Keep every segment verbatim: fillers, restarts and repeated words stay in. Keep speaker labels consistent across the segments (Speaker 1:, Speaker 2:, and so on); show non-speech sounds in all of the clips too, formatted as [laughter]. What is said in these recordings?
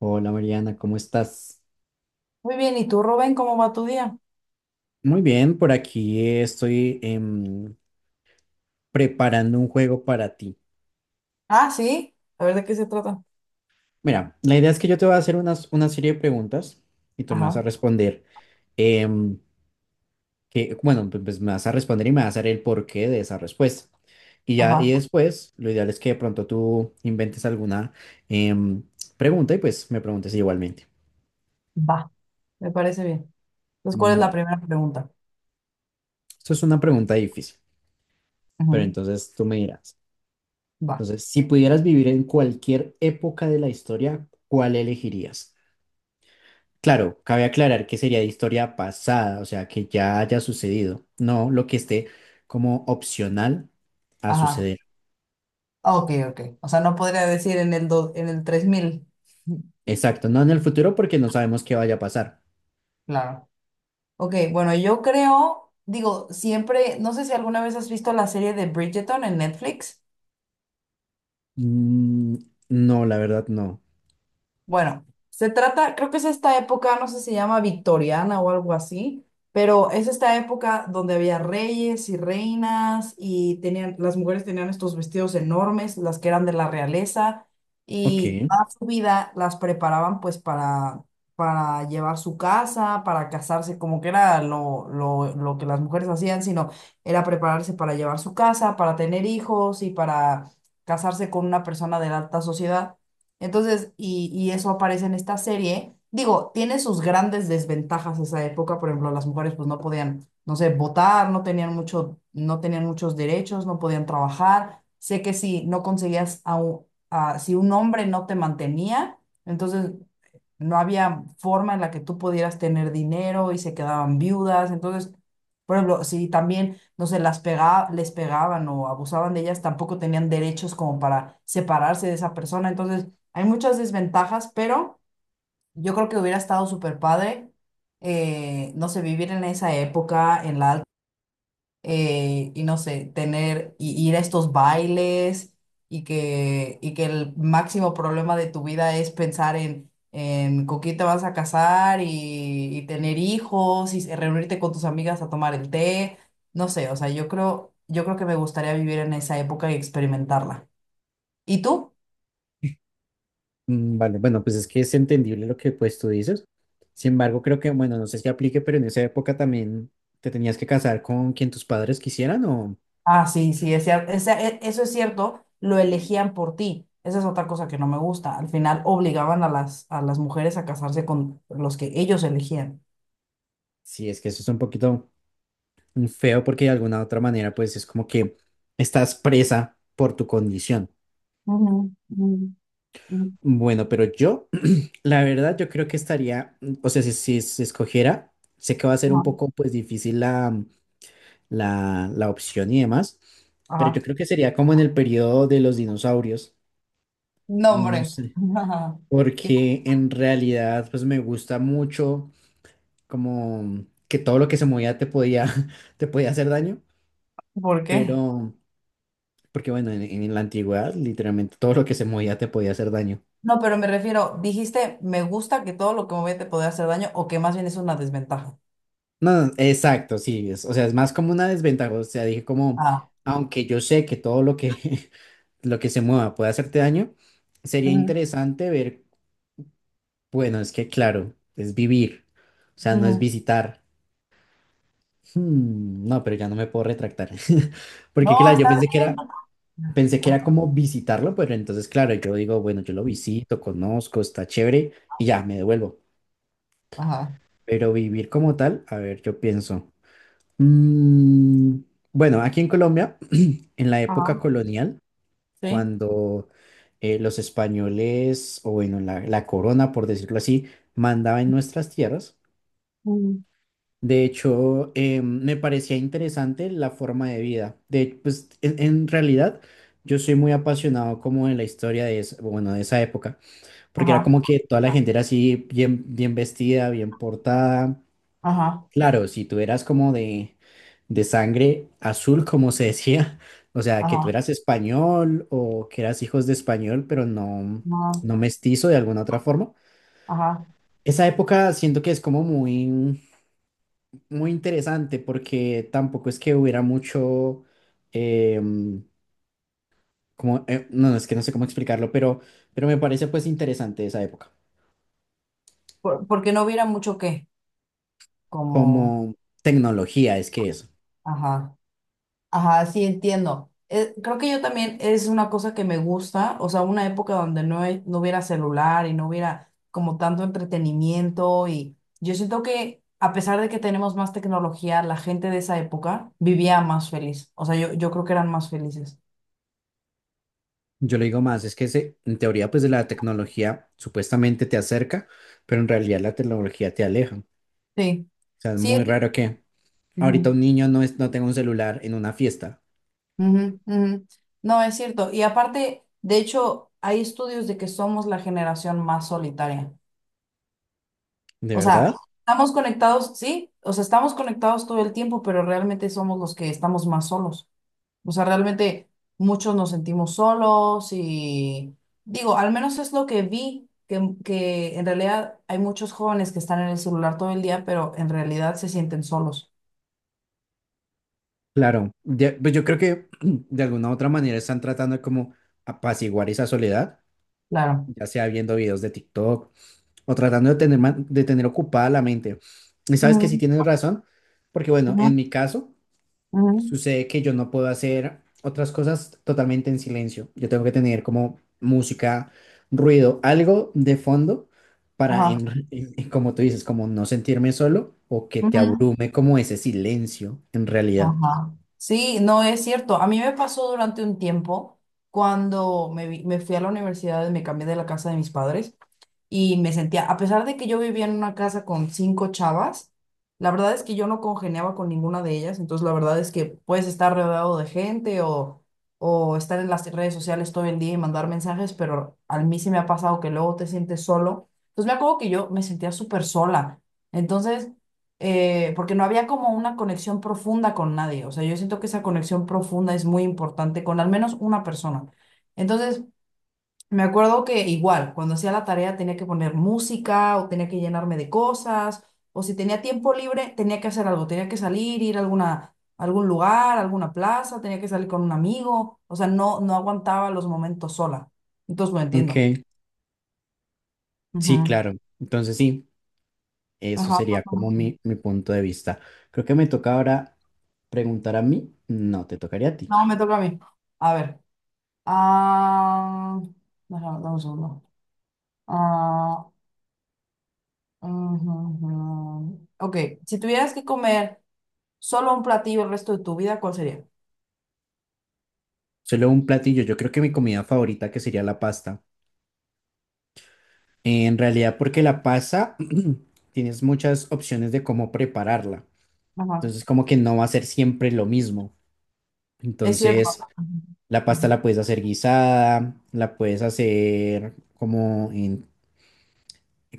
Speaker 1: Hola, Mariana, ¿cómo estás?
Speaker 2: Muy bien, ¿y tú, Rubén, cómo va tu día?
Speaker 1: Muy bien, por aquí estoy em, preparando un juego para ti.
Speaker 2: Ah, sí, a ver de qué se trata.
Speaker 1: Mira, la idea es que yo te voy a hacer unas, una serie de preguntas y tú me vas a
Speaker 2: Ajá,
Speaker 1: responder, em, que, bueno, pues pues me vas a responder y me vas a dar el porqué de esa respuesta. Y ya,
Speaker 2: ajá,
Speaker 1: y después, lo ideal es que de pronto tú inventes alguna em, pregunta y pues me preguntes igualmente.
Speaker 2: va, me parece bien. Entonces, ¿cuál es la
Speaker 1: Vale,
Speaker 2: primera pregunta?
Speaker 1: esto es una pregunta difícil, pero
Speaker 2: Ujú,
Speaker 1: entonces tú me dirás.
Speaker 2: va,
Speaker 1: Entonces, si pudieras vivir en cualquier época de la historia, ¿cuál elegirías? Claro, cabe aclarar que sería de historia pasada, o sea, que ya haya sucedido, no lo que esté como opcional a
Speaker 2: ajá,
Speaker 1: suceder.
Speaker 2: ah, ok, ok. O sea, no podría decir en el, do- en el tres mil.
Speaker 1: Exacto, no en el futuro porque no sabemos qué vaya a pasar.
Speaker 2: Claro. Ok, bueno, yo creo, digo, siempre, no sé si alguna vez has visto la serie de Bridgerton en Netflix.
Speaker 1: Mm, no, la verdad no.
Speaker 2: Bueno, se trata, creo que es esta época, no sé si se llama victoriana o algo así, pero es esta época donde había reyes y reinas y tenían, las mujeres tenían estos vestidos enormes, las que eran de la realeza,
Speaker 1: Ok,
Speaker 2: y toda su vida las preparaban pues para, para llevar su casa, para casarse, como que era lo, lo, lo que las mujeres hacían, sino era prepararse para llevar su casa, para tener hijos y para casarse con una persona de la alta sociedad. Entonces, y, y eso aparece en esta serie. Digo, tiene sus grandes desventajas esa época. Por ejemplo, las mujeres pues no podían, no sé, votar, no tenían mucho, no tenían muchos derechos, no podían trabajar. Sé que si no conseguías a, un- a- si un hombre no te mantenía, entonces no había forma en la que tú pudieras tener dinero y se quedaban viudas. Entonces, por ejemplo, si también, no sé, las pega, les pegaban o abusaban de ellas, tampoco tenían derechos como para separarse de esa persona. Entonces, hay muchas desventajas, pero yo creo que hubiera estado súper padre, eh, no sé, vivir en esa época, en la alta, eh, y no sé, tener, y ir a estos bailes, y que, y que el máximo problema de tu vida es pensar en, en con quién te vas a casar y, y tener hijos, y se- reunirte con tus amigas a tomar el té, no sé, o sea, yo creo, yo creo que me gustaría vivir en esa época y experimentarla. ¿Y tú?
Speaker 1: mm, vale, bueno, pues es que es entendible lo que pues tú dices. Sin embargo, creo que, bueno, no sé si aplique, pero en esa época también te tenías que casar con quien tus padres quisieran o...
Speaker 2: Ah, sí, sí, es cierto. eso es cierto, lo elegían por ti. Esa es otra cosa que no me gusta. Al final obligaban a las, a las mujeres a casarse con los que ellos elegían.
Speaker 1: Sí, es que eso es un poquito mm, feo porque de alguna otra manera pues es como que estás presa por tu condición.
Speaker 2: Ujú, ujú, ujú,
Speaker 1: Bueno, pero yo, [clears throat] la verdad, yo creo que estaría, mm, o sea, si, si se escogiera, sé que va a ser un
Speaker 2: ajá.
Speaker 1: poco pues difícil la, la, la opción y demás, pero yo
Speaker 2: Ajá.
Speaker 1: creo que sería como en el periodo de los dinosaurios,
Speaker 2: No,
Speaker 1: no
Speaker 2: hombre.
Speaker 1: sé,
Speaker 2: [laughs] Ajá. ¿Qué?
Speaker 1: porque en realidad pues me gusta mucho como que todo lo que se movía te podía, [laughs] te podía hacer daño,
Speaker 2: ¿Por qué?
Speaker 1: pero... Porque bueno, en, en la antigüedad literalmente todo lo que se movía te podía hacer daño.
Speaker 2: No, pero me refiero, dijiste, me gusta que todo lo que me ve te puede hacer daño o que más bien es una desventaja.
Speaker 1: No, no, exacto, sí, es- o sea, es más como una desventaja, o sea, dije como,
Speaker 2: Ah.
Speaker 1: aunque yo sé que todo lo que, [laughs] lo que se mueva puede hacerte daño, sería
Speaker 2: Ujú,
Speaker 1: interesante ver, bueno, es que claro, es vivir, o sea, no es
Speaker 2: ujú.
Speaker 1: visitar. Hmm, no, pero ya no me puedo retractar. [laughs] Porque
Speaker 2: No,
Speaker 1: claro, yo
Speaker 2: está
Speaker 1: pensé que
Speaker 2: bien.
Speaker 1: era, pensé que era
Speaker 2: Ajá.
Speaker 1: como visitarlo, pero entonces claro, yo digo, bueno, yo lo visito, conozco, está chévere y ya, me devuelvo.
Speaker 2: Ajá.
Speaker 1: Pero vivir como tal, a ver, yo pienso. Mm, bueno, aquí en Colombia, en la época
Speaker 2: Ajá.
Speaker 1: colonial,
Speaker 2: Sí.
Speaker 1: cuando eh, los españoles, o bueno, la, la corona, por decirlo así, mandaba en nuestras tierras.
Speaker 2: Ujú.
Speaker 1: De hecho, eh, me parecía interesante la forma de vida. De, pues, en, en realidad, yo soy muy apasionado como de la historia de, es- bueno, de esa época, porque era
Speaker 2: Ajá.
Speaker 1: como que toda la gente era así, bien, bien vestida, bien portada.
Speaker 2: Ajá.
Speaker 1: Claro, si tú eras como de, de sangre azul, como se decía, [laughs] o sea, que tú
Speaker 2: Ajá,
Speaker 1: eras español o que eras hijos de español, pero no,
Speaker 2: ajá,
Speaker 1: no mestizo de alguna otra forma.
Speaker 2: ajá.
Speaker 1: Esa época siento que es como muy, muy interesante porque tampoco es que hubiera mucho, em, como, eh, no, no, es que no sé cómo explicarlo, pero, pero me parece pues interesante esa época.
Speaker 2: Por- porque no hubiera mucho que, como,
Speaker 1: Como tecnología es que es.
Speaker 2: ajá, ajá, sí entiendo. Eh, creo que yo también es una cosa que me gusta, o sea, una época donde no, hay- no hubiera celular y no hubiera como tanto entretenimiento y yo siento que a pesar de que tenemos más tecnología, la gente de esa época vivía más feliz, o sea, yo, yo creo que eran más felices.
Speaker 1: Yo le digo más, es que se- en teoría pues de la tecnología supuestamente te acerca, pero en realidad la tecnología te aleja. O
Speaker 2: Sí,
Speaker 1: sea, es
Speaker 2: sí,
Speaker 1: muy
Speaker 2: es-
Speaker 1: raro que ahorita
Speaker 2: ujú.
Speaker 1: un niño no, es, no tenga un celular en una fiesta,
Speaker 2: Ujú, ujú. No, es cierto. Y aparte, de hecho, hay estudios de que somos la generación más solitaria.
Speaker 1: ¿de
Speaker 2: O sea,
Speaker 1: verdad?
Speaker 2: estamos conectados, sí, o sea, estamos conectados todo el tiempo, pero realmente somos los que estamos más solos. O sea, realmente muchos nos sentimos solos y digo, al menos es lo que vi, que, que en realidad hay muchos jóvenes que están en el celular todo el día, pero en realidad se sienten solos.
Speaker 1: Claro, de- pues yo creo que [clears throat] de alguna u otra manera están tratando de como apaciguar esa soledad,
Speaker 2: Claro.
Speaker 1: ya sea viendo videos de TikTok o tratando de tener, man- de tener ocupada la mente. Y sabes que sí
Speaker 2: Ujú,
Speaker 1: tienes razón, porque bueno, en
Speaker 2: ujú,
Speaker 1: mi caso...
Speaker 2: ujú.
Speaker 1: Sucede que yo no puedo hacer otras cosas totalmente en silencio. Yo tengo que tener como música, ruido, algo de fondo para,
Speaker 2: Ajá.
Speaker 1: en- en- en- como tú dices, como no sentirme solo o que
Speaker 2: Ujú.
Speaker 1: te abrume como ese silencio en realidad.
Speaker 2: Ajá. Sí, no es cierto. A mí me pasó durante un tiempo cuando me, vi- me fui a la universidad y me cambié de la casa de mis padres y me sentía, a pesar de que yo vivía en una casa con cinco chavas, la verdad es que yo no congeniaba con ninguna de ellas, entonces la verdad es que puedes estar rodeado de gente o, o estar en las redes sociales todo el día y mandar mensajes, pero a mí sí me ha pasado que luego te sientes solo. Entonces me acuerdo que yo me sentía súper sola, entonces, eh, porque no había como una conexión profunda con nadie, o sea, yo siento que esa conexión profunda es muy importante con al menos una persona. Entonces, me acuerdo que igual, cuando hacía la tarea tenía que poner música o tenía que llenarme de cosas, o si tenía tiempo libre tenía que hacer algo, tenía que salir, ir a alguna, algún lugar, alguna plaza, tenía que salir con un amigo, o sea, no, no aguantaba los momentos sola. Entonces lo entiendo.
Speaker 1: Ok, sí,
Speaker 2: Ujú.
Speaker 1: claro. Entonces sí, eso
Speaker 2: Ajá.
Speaker 1: sería como mi, mi punto de vista. Creo que me toca ahora preguntar a mí. No, te tocaría a ti.
Speaker 2: No, me toca a mí. A ver. Ah, déjame, dame un segundo. Ah, ujú, ujú. Ok, si tuvieras que comer solo un platillo el resto de tu vida, ¿cuál sería?
Speaker 1: Solo un platillo. Yo creo que mi comida favorita que sería la pasta. En realidad, porque la pasta [clears throat] tienes muchas opciones de cómo prepararla.
Speaker 2: Ajá.
Speaker 1: Entonces, como que no va a ser siempre lo mismo.
Speaker 2: Es cierto.
Speaker 1: Entonces, la pasta
Speaker 2: Ujú,
Speaker 1: la puedes hacer guisada, la puedes hacer como en,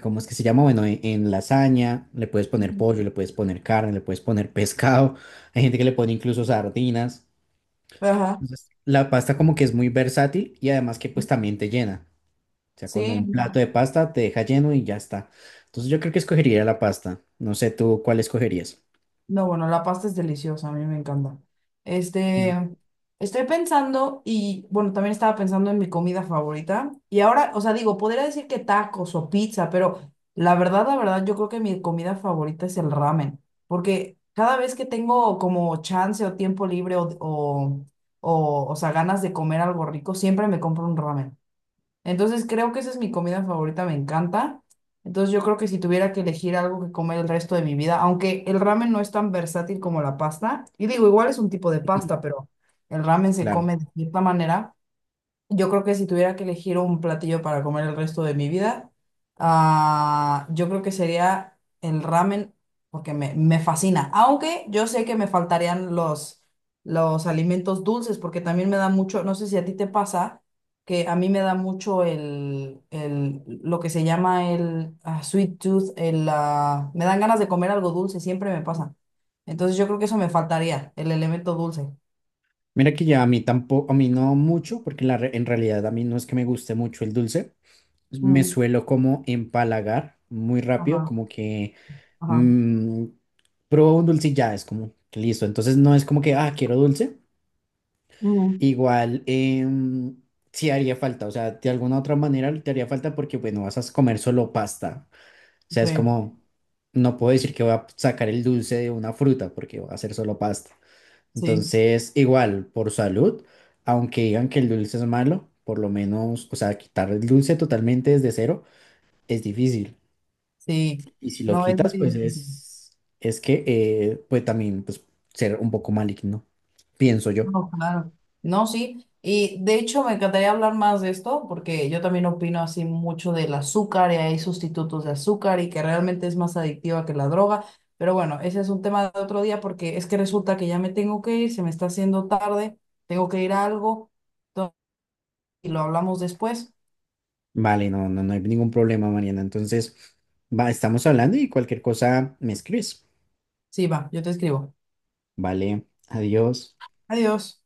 Speaker 1: ¿cómo es que se llama? Bueno, en, en lasaña, le puedes poner
Speaker 2: ujú.
Speaker 1: pollo, le puedes poner carne, le puedes poner [laughs] pescado. Hay gente que le pone incluso sardinas.
Speaker 2: Ajá.
Speaker 1: Entonces, la pasta como que es muy versátil y además que pues también te llena. O sea, con
Speaker 2: Sí,
Speaker 1: un plato
Speaker 2: no.
Speaker 1: de pasta te deja lleno y ya está. Entonces yo creo que escogería la pasta. No sé tú cuál escogerías.
Speaker 2: No, bueno, la pasta es deliciosa, a mí me encanta.
Speaker 1: [clears throat]
Speaker 2: Este, Estoy pensando y, bueno, también estaba pensando en mi comida favorita. Y ahora, o sea, digo, podría decir que tacos o pizza, pero la verdad, la verdad, yo creo que mi comida favorita es el ramen. Porque cada vez que tengo como chance o tiempo libre o, o, o, o sea, ganas de comer algo rico, siempre me compro un ramen. Entonces creo que esa es mi comida favorita, me encanta. Entonces yo creo que si tuviera que elegir algo que comer el resto de mi vida, aunque el ramen no es tan versátil como la pasta, y digo, igual es un tipo de
Speaker 1: Mm.
Speaker 2: pasta, pero el
Speaker 1: Sí,
Speaker 2: ramen se
Speaker 1: claro.
Speaker 2: come de cierta manera. Yo creo que si tuviera que elegir un platillo para comer el resto de mi vida, ah, yo creo que sería el ramen, porque me, me fascina. Aunque yo sé que me faltarían los, los alimentos dulces, porque también me da mucho, no sé si a ti te pasa, que a mí me da mucho el, el lo que se llama el ah, sweet tooth, el, ah, me dan ganas de comer algo dulce, siempre me pasa. Entonces yo creo que eso me faltaría, el elemento dulce.
Speaker 1: Mira que ya a mí tampoco, a mí no mucho, porque la re- en realidad a mí no es que me guste mucho el dulce. Me
Speaker 2: Mm,
Speaker 1: suelo como empalagar muy rápido,
Speaker 2: ajá,
Speaker 1: como que
Speaker 2: ajá.
Speaker 1: mm, pruebo un dulce y ya es como que listo. Entonces no es como que, ah, quiero dulce.
Speaker 2: mm.
Speaker 1: Igual, em, sí haría falta, o sea, de alguna otra manera te haría falta porque, bueno, vas a comer solo pasta. Sea, es
Speaker 2: Sí.
Speaker 1: como, no puedo decir que voy a sacar el dulce de una fruta porque va a ser solo pasta.
Speaker 2: Sí,
Speaker 1: Entonces, igual, por salud, aunque digan que el dulce es malo, por lo menos, o sea, quitar el dulce totalmente desde cero es difícil.
Speaker 2: sí.
Speaker 1: Y si lo
Speaker 2: No es
Speaker 1: quitas, pues
Speaker 2: difícil.
Speaker 1: es, es que eh, puede también pues, ser un poco maligno, pienso yo.
Speaker 2: No, claro. No, sí. Y de hecho me encantaría hablar más de esto porque yo también opino así mucho del azúcar y hay sustitutos de azúcar y que realmente es más adictiva que la droga. Pero bueno, ese es un tema de otro día porque es que resulta que ya me tengo que ir, se me está haciendo tarde, tengo que ir a algo. Entonces, y lo hablamos después.
Speaker 1: Vale, no, no, no hay ningún problema, Mariana. Entonces, va, estamos hablando y cualquier cosa me escribes.
Speaker 2: Sí, va, yo te escribo.
Speaker 1: Vale, adiós.
Speaker 2: Adiós.